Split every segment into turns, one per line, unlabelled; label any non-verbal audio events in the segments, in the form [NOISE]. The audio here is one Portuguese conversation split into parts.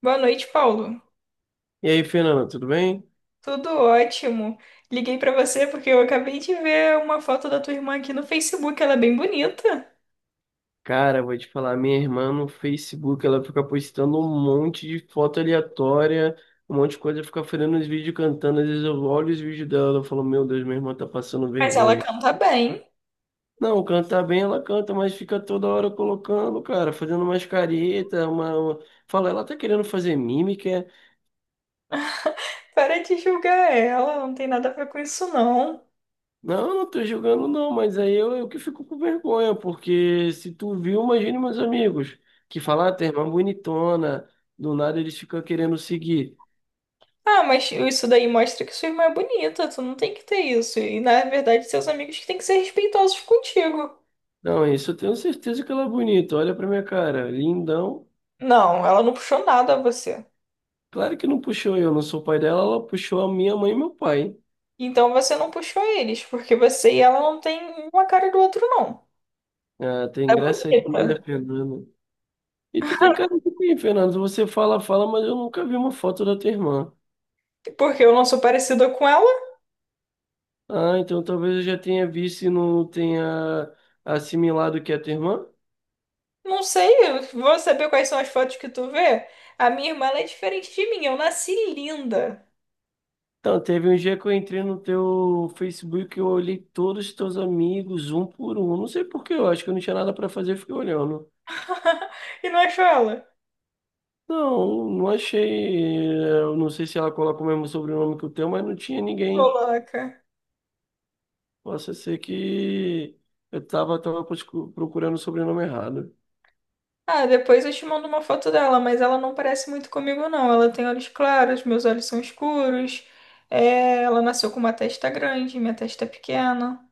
Boa noite, Paulo.
E aí, Fernanda, tudo bem?
Tudo ótimo. Liguei pra você porque eu acabei de ver uma foto da tua irmã aqui no Facebook. Ela é bem bonita,
Cara, vou te falar, minha irmã no Facebook, ela fica postando um monte de foto aleatória, um monte de coisa, fica fazendo os vídeos cantando. Às vezes eu olho os vídeos dela e falo, meu Deus, minha irmã tá passando
mas ela
vergonha.
canta bem.
Não, cantar bem ela canta, mas fica toda hora colocando, cara, fazendo umas caretas, fala, ela tá querendo fazer mímica.
Para de julgar ela, não tem nada a ver com isso, não.
Não, eu não tô julgando não, mas aí eu que fico com vergonha, porque se tu viu, imagine meus amigos, que falam, ah, tem irmã bonitona, do nada eles ficam querendo seguir.
Ah, mas isso daí mostra que sua irmã é bonita, tu não tem que ter isso. E na verdade, seus amigos que têm que ser respeitosos contigo.
Não, isso eu tenho certeza que ela é bonita, olha pra minha cara, lindão.
Não, ela não puxou nada a você.
Claro que não puxou eu, não sou pai dela, ela puxou a minha mãe e meu pai, hein?
Então você não puxou eles, porque você e ela não tem uma cara do outro, não.
Ah, tem
É
graça aí,
bonita.
né, Fernando? E tu tem cara de quem, Fernando? Você fala, fala, mas eu nunca vi uma foto da tua irmã.
Porque eu não sou parecida com ela.
Ah, então talvez eu já tenha visto e não tenha assimilado que é a tua irmã?
Não sei, eu vou saber quais são as fotos que tu vê. A minha irmã, ela é diferente de mim. Eu nasci linda.
Então, teve um dia que eu entrei no teu Facebook e eu olhei todos os teus amigos, um por um. Não sei por quê, eu acho que eu não tinha nada pra fazer, eu fiquei olhando.
[LAUGHS] E não achou ela?
Não, não achei. Eu não sei se ela coloca o mesmo sobrenome que o teu, mas não tinha ninguém.
Coloca.
Possa ser que eu procurando o sobrenome errado.
Ah, depois eu te mando uma foto dela, mas ela não parece muito comigo, não. Ela tem olhos claros, meus olhos são escuros. É, ela nasceu com uma testa grande, minha testa é pequena.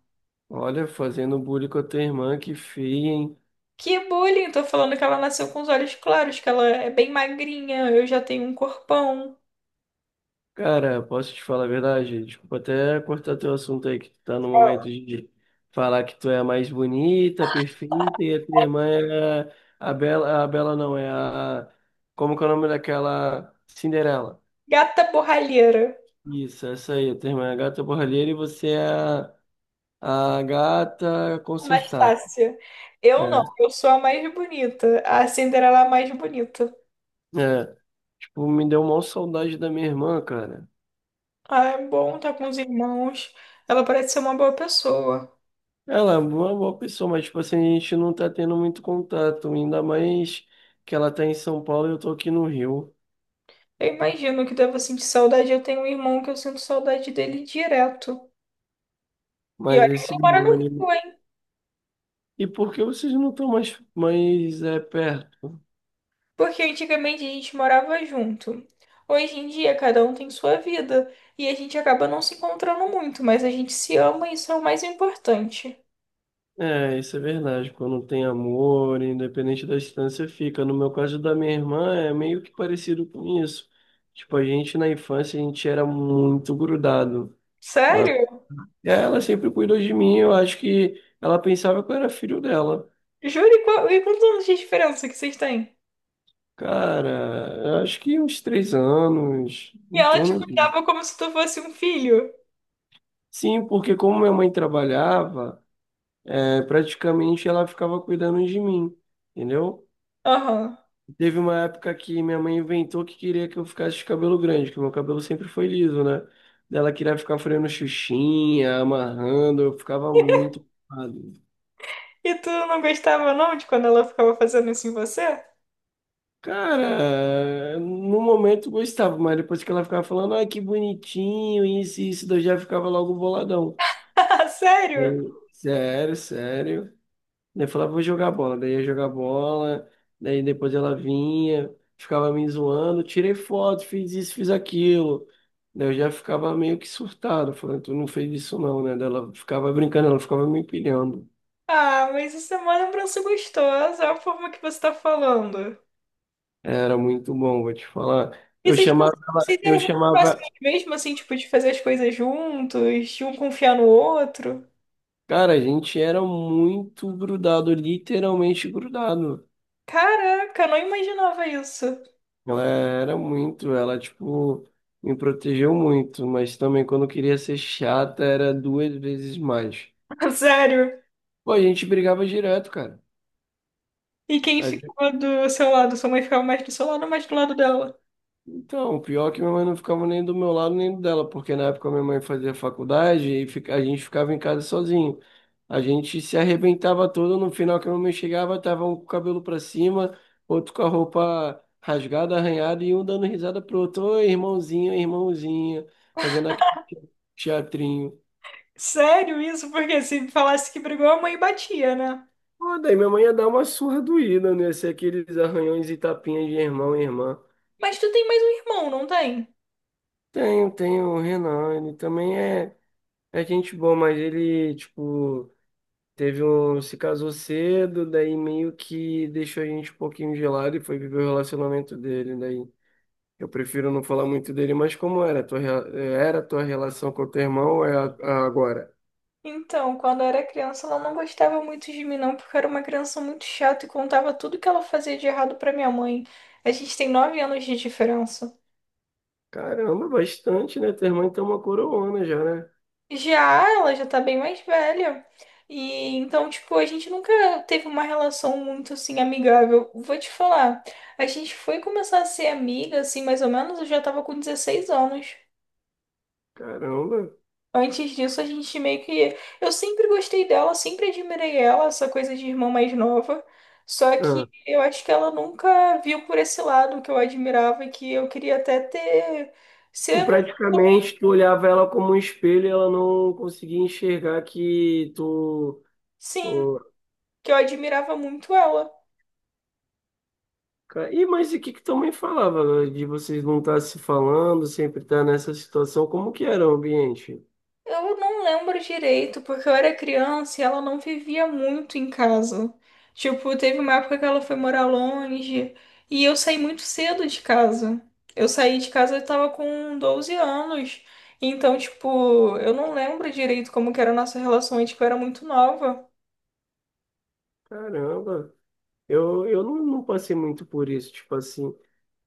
Olha, fazendo bullying com a tua irmã, que feia, hein?
Que bullying! Tô falando que ela nasceu com os olhos claros, que ela é bem magrinha, eu já tenho um corpão.
Cara, posso te falar a verdade? Desculpa até cortar teu assunto aí, que tu tá no momento de falar que tu é a mais bonita, perfeita, e a tua irmã é a Bela, a Bela não, é a... Como que é o nome daquela? Cinderela.
Gata borralheira.
Isso, essa aí, a tua irmã é a gata borralheira e você é a gata consertada.
Anastácia.
É,
Eu não, eu sou a mais bonita. A Cinderela é a mais bonita.
é, tipo, me deu uma saudade da minha irmã, cara.
Ah, é bom tá com os irmãos. Ela parece ser uma boa pessoa.
Ela é uma boa pessoa, mas tipo assim, a gente não tá tendo muito contato, ainda mais que ela tá em São Paulo e eu tô aqui no Rio.
Eu imagino que deva sentir saudade. Eu tenho um irmão que eu sinto saudade dele direto. E
Mas
olha que
esse
ele mora no Rio,
ânimo.
hein?
E por que vocês não estão perto?
Porque antigamente a gente morava junto. Hoje em dia, cada um tem sua vida. E a gente acaba não se encontrando muito, mas a gente se ama e isso é o mais importante.
É, isso é verdade. Quando tem amor, independente da distância, fica. No meu caso da minha irmã, é meio que parecido com isso. Tipo, a gente na infância, a gente era muito grudado. Ela,
Sério?
ela sempre cuidou de mim, eu acho que ela pensava que eu era filho dela.
Juro, e e quantos anos de diferença que vocês têm?
Cara, eu acho que uns três anos,
E
em
ela te
torno disso.
cuidava como se tu fosse um filho.
Sim, porque como minha mãe trabalhava, é, praticamente ela ficava cuidando de mim, entendeu?
Aham.
Teve uma época que minha mãe inventou que queria que eu ficasse de cabelo grande, que meu cabelo sempre foi liso, né? Daí ela queria ficar freando xuxinha, amarrando, eu ficava muito preocupado.
E tu não gostava não de quando ela ficava fazendo isso em você?
Cara, no momento eu gostava, mas depois que ela ficava falando, ai, que bonitinho, isso e isso, daí eu já ficava logo boladão.
[LAUGHS] Sério?
Daí, sério, sério. Daí eu falava, vou jogar bola. Daí eu ia jogar bola. Daí depois ela vinha, ficava me zoando. Tirei foto, fiz isso, fiz aquilo. Daí eu já ficava meio que surtado, falando, tu não fez isso não, né? Daí ela ficava brincando, ela ficava me empilhando.
Ah, mas isso é uma lembrança gostosa, é a forma que você tá falando.
Era muito bom, vou te falar.
E vocês, vocês
Eu
eram muito
chamava.
próximos mesmo, assim, tipo, de fazer as coisas juntos, de um confiar no outro?
Cara, a gente era muito grudado, literalmente grudado.
Caraca, eu não imaginava isso.
Ela era muito, ela, tipo, me protegeu muito, mas também quando eu queria ser chata era duas vezes mais.
[LAUGHS] Sério.
Pô, a gente brigava direto, cara.
E quem
Mas,
ficava do seu lado? Sua mãe ficava mais do seu lado ou mais do lado dela?
Então, o pior é que minha mãe não ficava nem do meu lado nem do dela, porque na época minha mãe fazia faculdade e a gente ficava em casa sozinho. A gente se arrebentava todo, no final que a minha mãe chegava, tava um com o cabelo pra cima, outro com a roupa rasgada, arranhada e um dando risada pro outro, oi, irmãozinho, irmãozinha, fazendo aquele teatrinho.
Sério isso? Porque se falasse que brigou, a mãe batia, né?
Pô, daí minha mãe ia dar uma surra doída, né? Ser aqueles arranhões e tapinhas de irmão e irmã.
Mas tu tem mais um irmão, não tem?
Tem o Renan, ele também é, é gente boa, mas ele, tipo, teve um, se casou cedo, daí meio que deixou a gente um pouquinho gelado e foi viver o relacionamento dele. Daí eu prefiro não falar muito dele, mas como era a era a tua relação com o teu irmão ou é a agora?
Então, quando eu era criança, ela não gostava muito de mim, não, porque eu era uma criança muito chata e contava tudo que ela fazia de errado pra minha mãe. A gente tem 9 anos de diferença.
Caramba, bastante, né? Teu irmão então é uma coroona já, né?
Já ela já tá bem mais velha. E então, tipo, a gente nunca teve uma relação muito assim amigável. Vou te falar, a gente foi começar a ser amiga, assim, mais ou menos, eu já tava com 16 anos.
Caramba.
Antes disso, a gente meio que. Eu sempre gostei dela, sempre admirei ela, essa coisa de irmã mais nova. Só
Ah.
que eu acho que ela nunca viu por esse lado que eu admirava e que eu queria até ter.
Tu
Ser,
praticamente tu olhava ela como um espelho e ela não conseguia enxergar que tu.
sim,
o-
que eu admirava muito ela.
E mas e que tua mãe falava, né, de vocês não estar se falando, sempre estar nessa situação? Como que era o ambiente?
Eu não lembro direito, porque eu era criança e ela não vivia muito em casa. Tipo, teve uma época que ela foi morar longe e eu saí muito cedo de casa. Eu saí de casa, eu tava com 12 anos. Então, tipo, eu não lembro direito como que era a nossa relação, e, tipo, eu era muito nova.
Caramba, eu não, não passei muito por isso, tipo assim.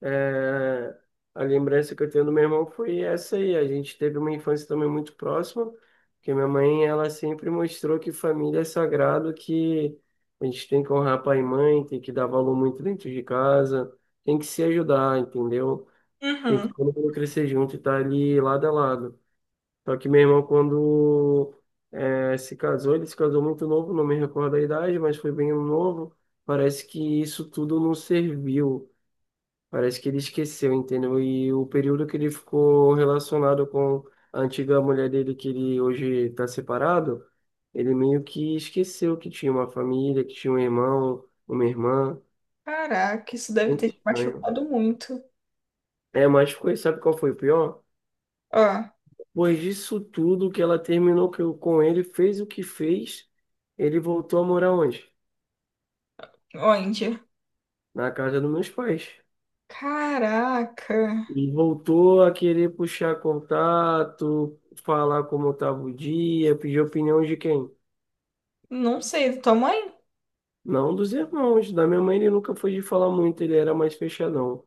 É, a lembrança que eu tenho do meu irmão foi essa aí. A gente teve uma infância também muito próxima, porque minha mãe, ela sempre mostrou que família é sagrado, que a gente tem que honrar pai e mãe, tem que dar valor muito dentro de casa, tem que se ajudar, entendeu? Tem que
Uhum.
todo mundo crescer junto e estar ali lado a lado. Só que meu irmão, quando se casou, ele se casou muito novo, não me recordo a idade, mas foi bem novo. Parece que isso tudo não serviu. Parece que ele esqueceu, entendeu? E o período que ele ficou relacionado com a antiga mulher dele, que ele hoje está separado, ele meio que esqueceu que tinha uma família, que tinha um irmão, uma irmã.
Caraca, isso deve ter
Muito
te
estranho.
machucado muito.
É, mas ficou, sabe qual foi o pior?
Ó,
Depois disso tudo que ela terminou que eu- com ele, fez o que fez, ele voltou a morar onde?
onde?
Na casa dos meus pais.
Caraca.
E voltou a querer puxar contato, falar como estava o dia, pedir opinião de quem?
Não sei, tua mãe?
Não, dos irmãos. Da minha mãe ele nunca foi de falar muito, ele era mais fechadão.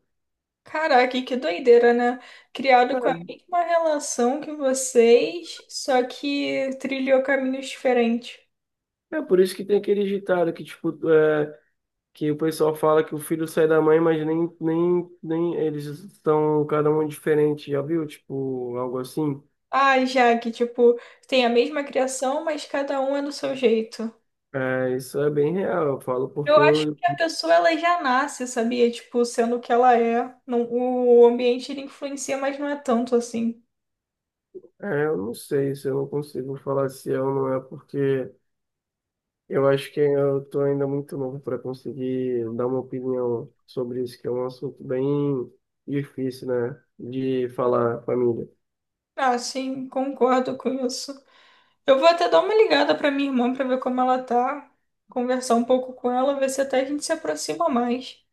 Caraca, que doideira, né? Criado com a
É
mesma relação que vocês, só que trilhou caminhos diferentes.
é por isso que tem aquele ditado que, tipo, é, que o pessoal fala que o filho sai da mãe, mas nem eles estão cada um diferente, já viu? Tipo, algo assim.
Ai, já que, tipo, tem a mesma criação, mas cada um é do seu jeito.
É, isso é bem real, eu falo
Eu
porque
acho que a pessoa, ela já nasce, sabia? Tipo, sendo o que ela é. Não, o ambiente, ele influencia, mas não é tanto assim.
eu não sei se eu não consigo falar se é ou não é porque. Eu acho que eu estou ainda muito novo para conseguir dar uma opinião sobre isso, que é um assunto bem difícil, né, de falar, família.
Ah, sim, concordo com isso. Eu vou até dar uma ligada pra minha irmã pra ver como ela tá, conversar um pouco com ela, ver se até a gente se aproxima mais.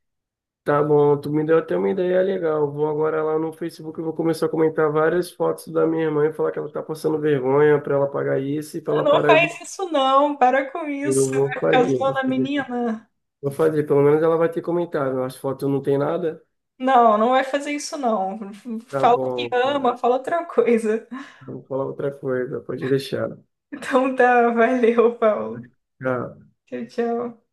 Tá bom, tu me deu até uma ideia legal. Vou agora lá no Facebook e vou começar a comentar várias fotos da minha irmã e falar que ela tá passando vergonha para ela pagar isso e para ela
Não
parar de.
faz isso não, para com isso.
Eu vou
Vai ficar
fazer, vou
zoando a
fazer aqui.
menina.
Vou fazer, pelo menos ela vai ter comentado. As fotos não tem nada?
Não, não vai fazer isso não.
Tá
Fala o que
bom, cara.
ama, fala outra coisa.
Vou falar outra coisa, pode deixar.
Então tá, valeu, Paulo.
Tchau.
Tchau, tchau.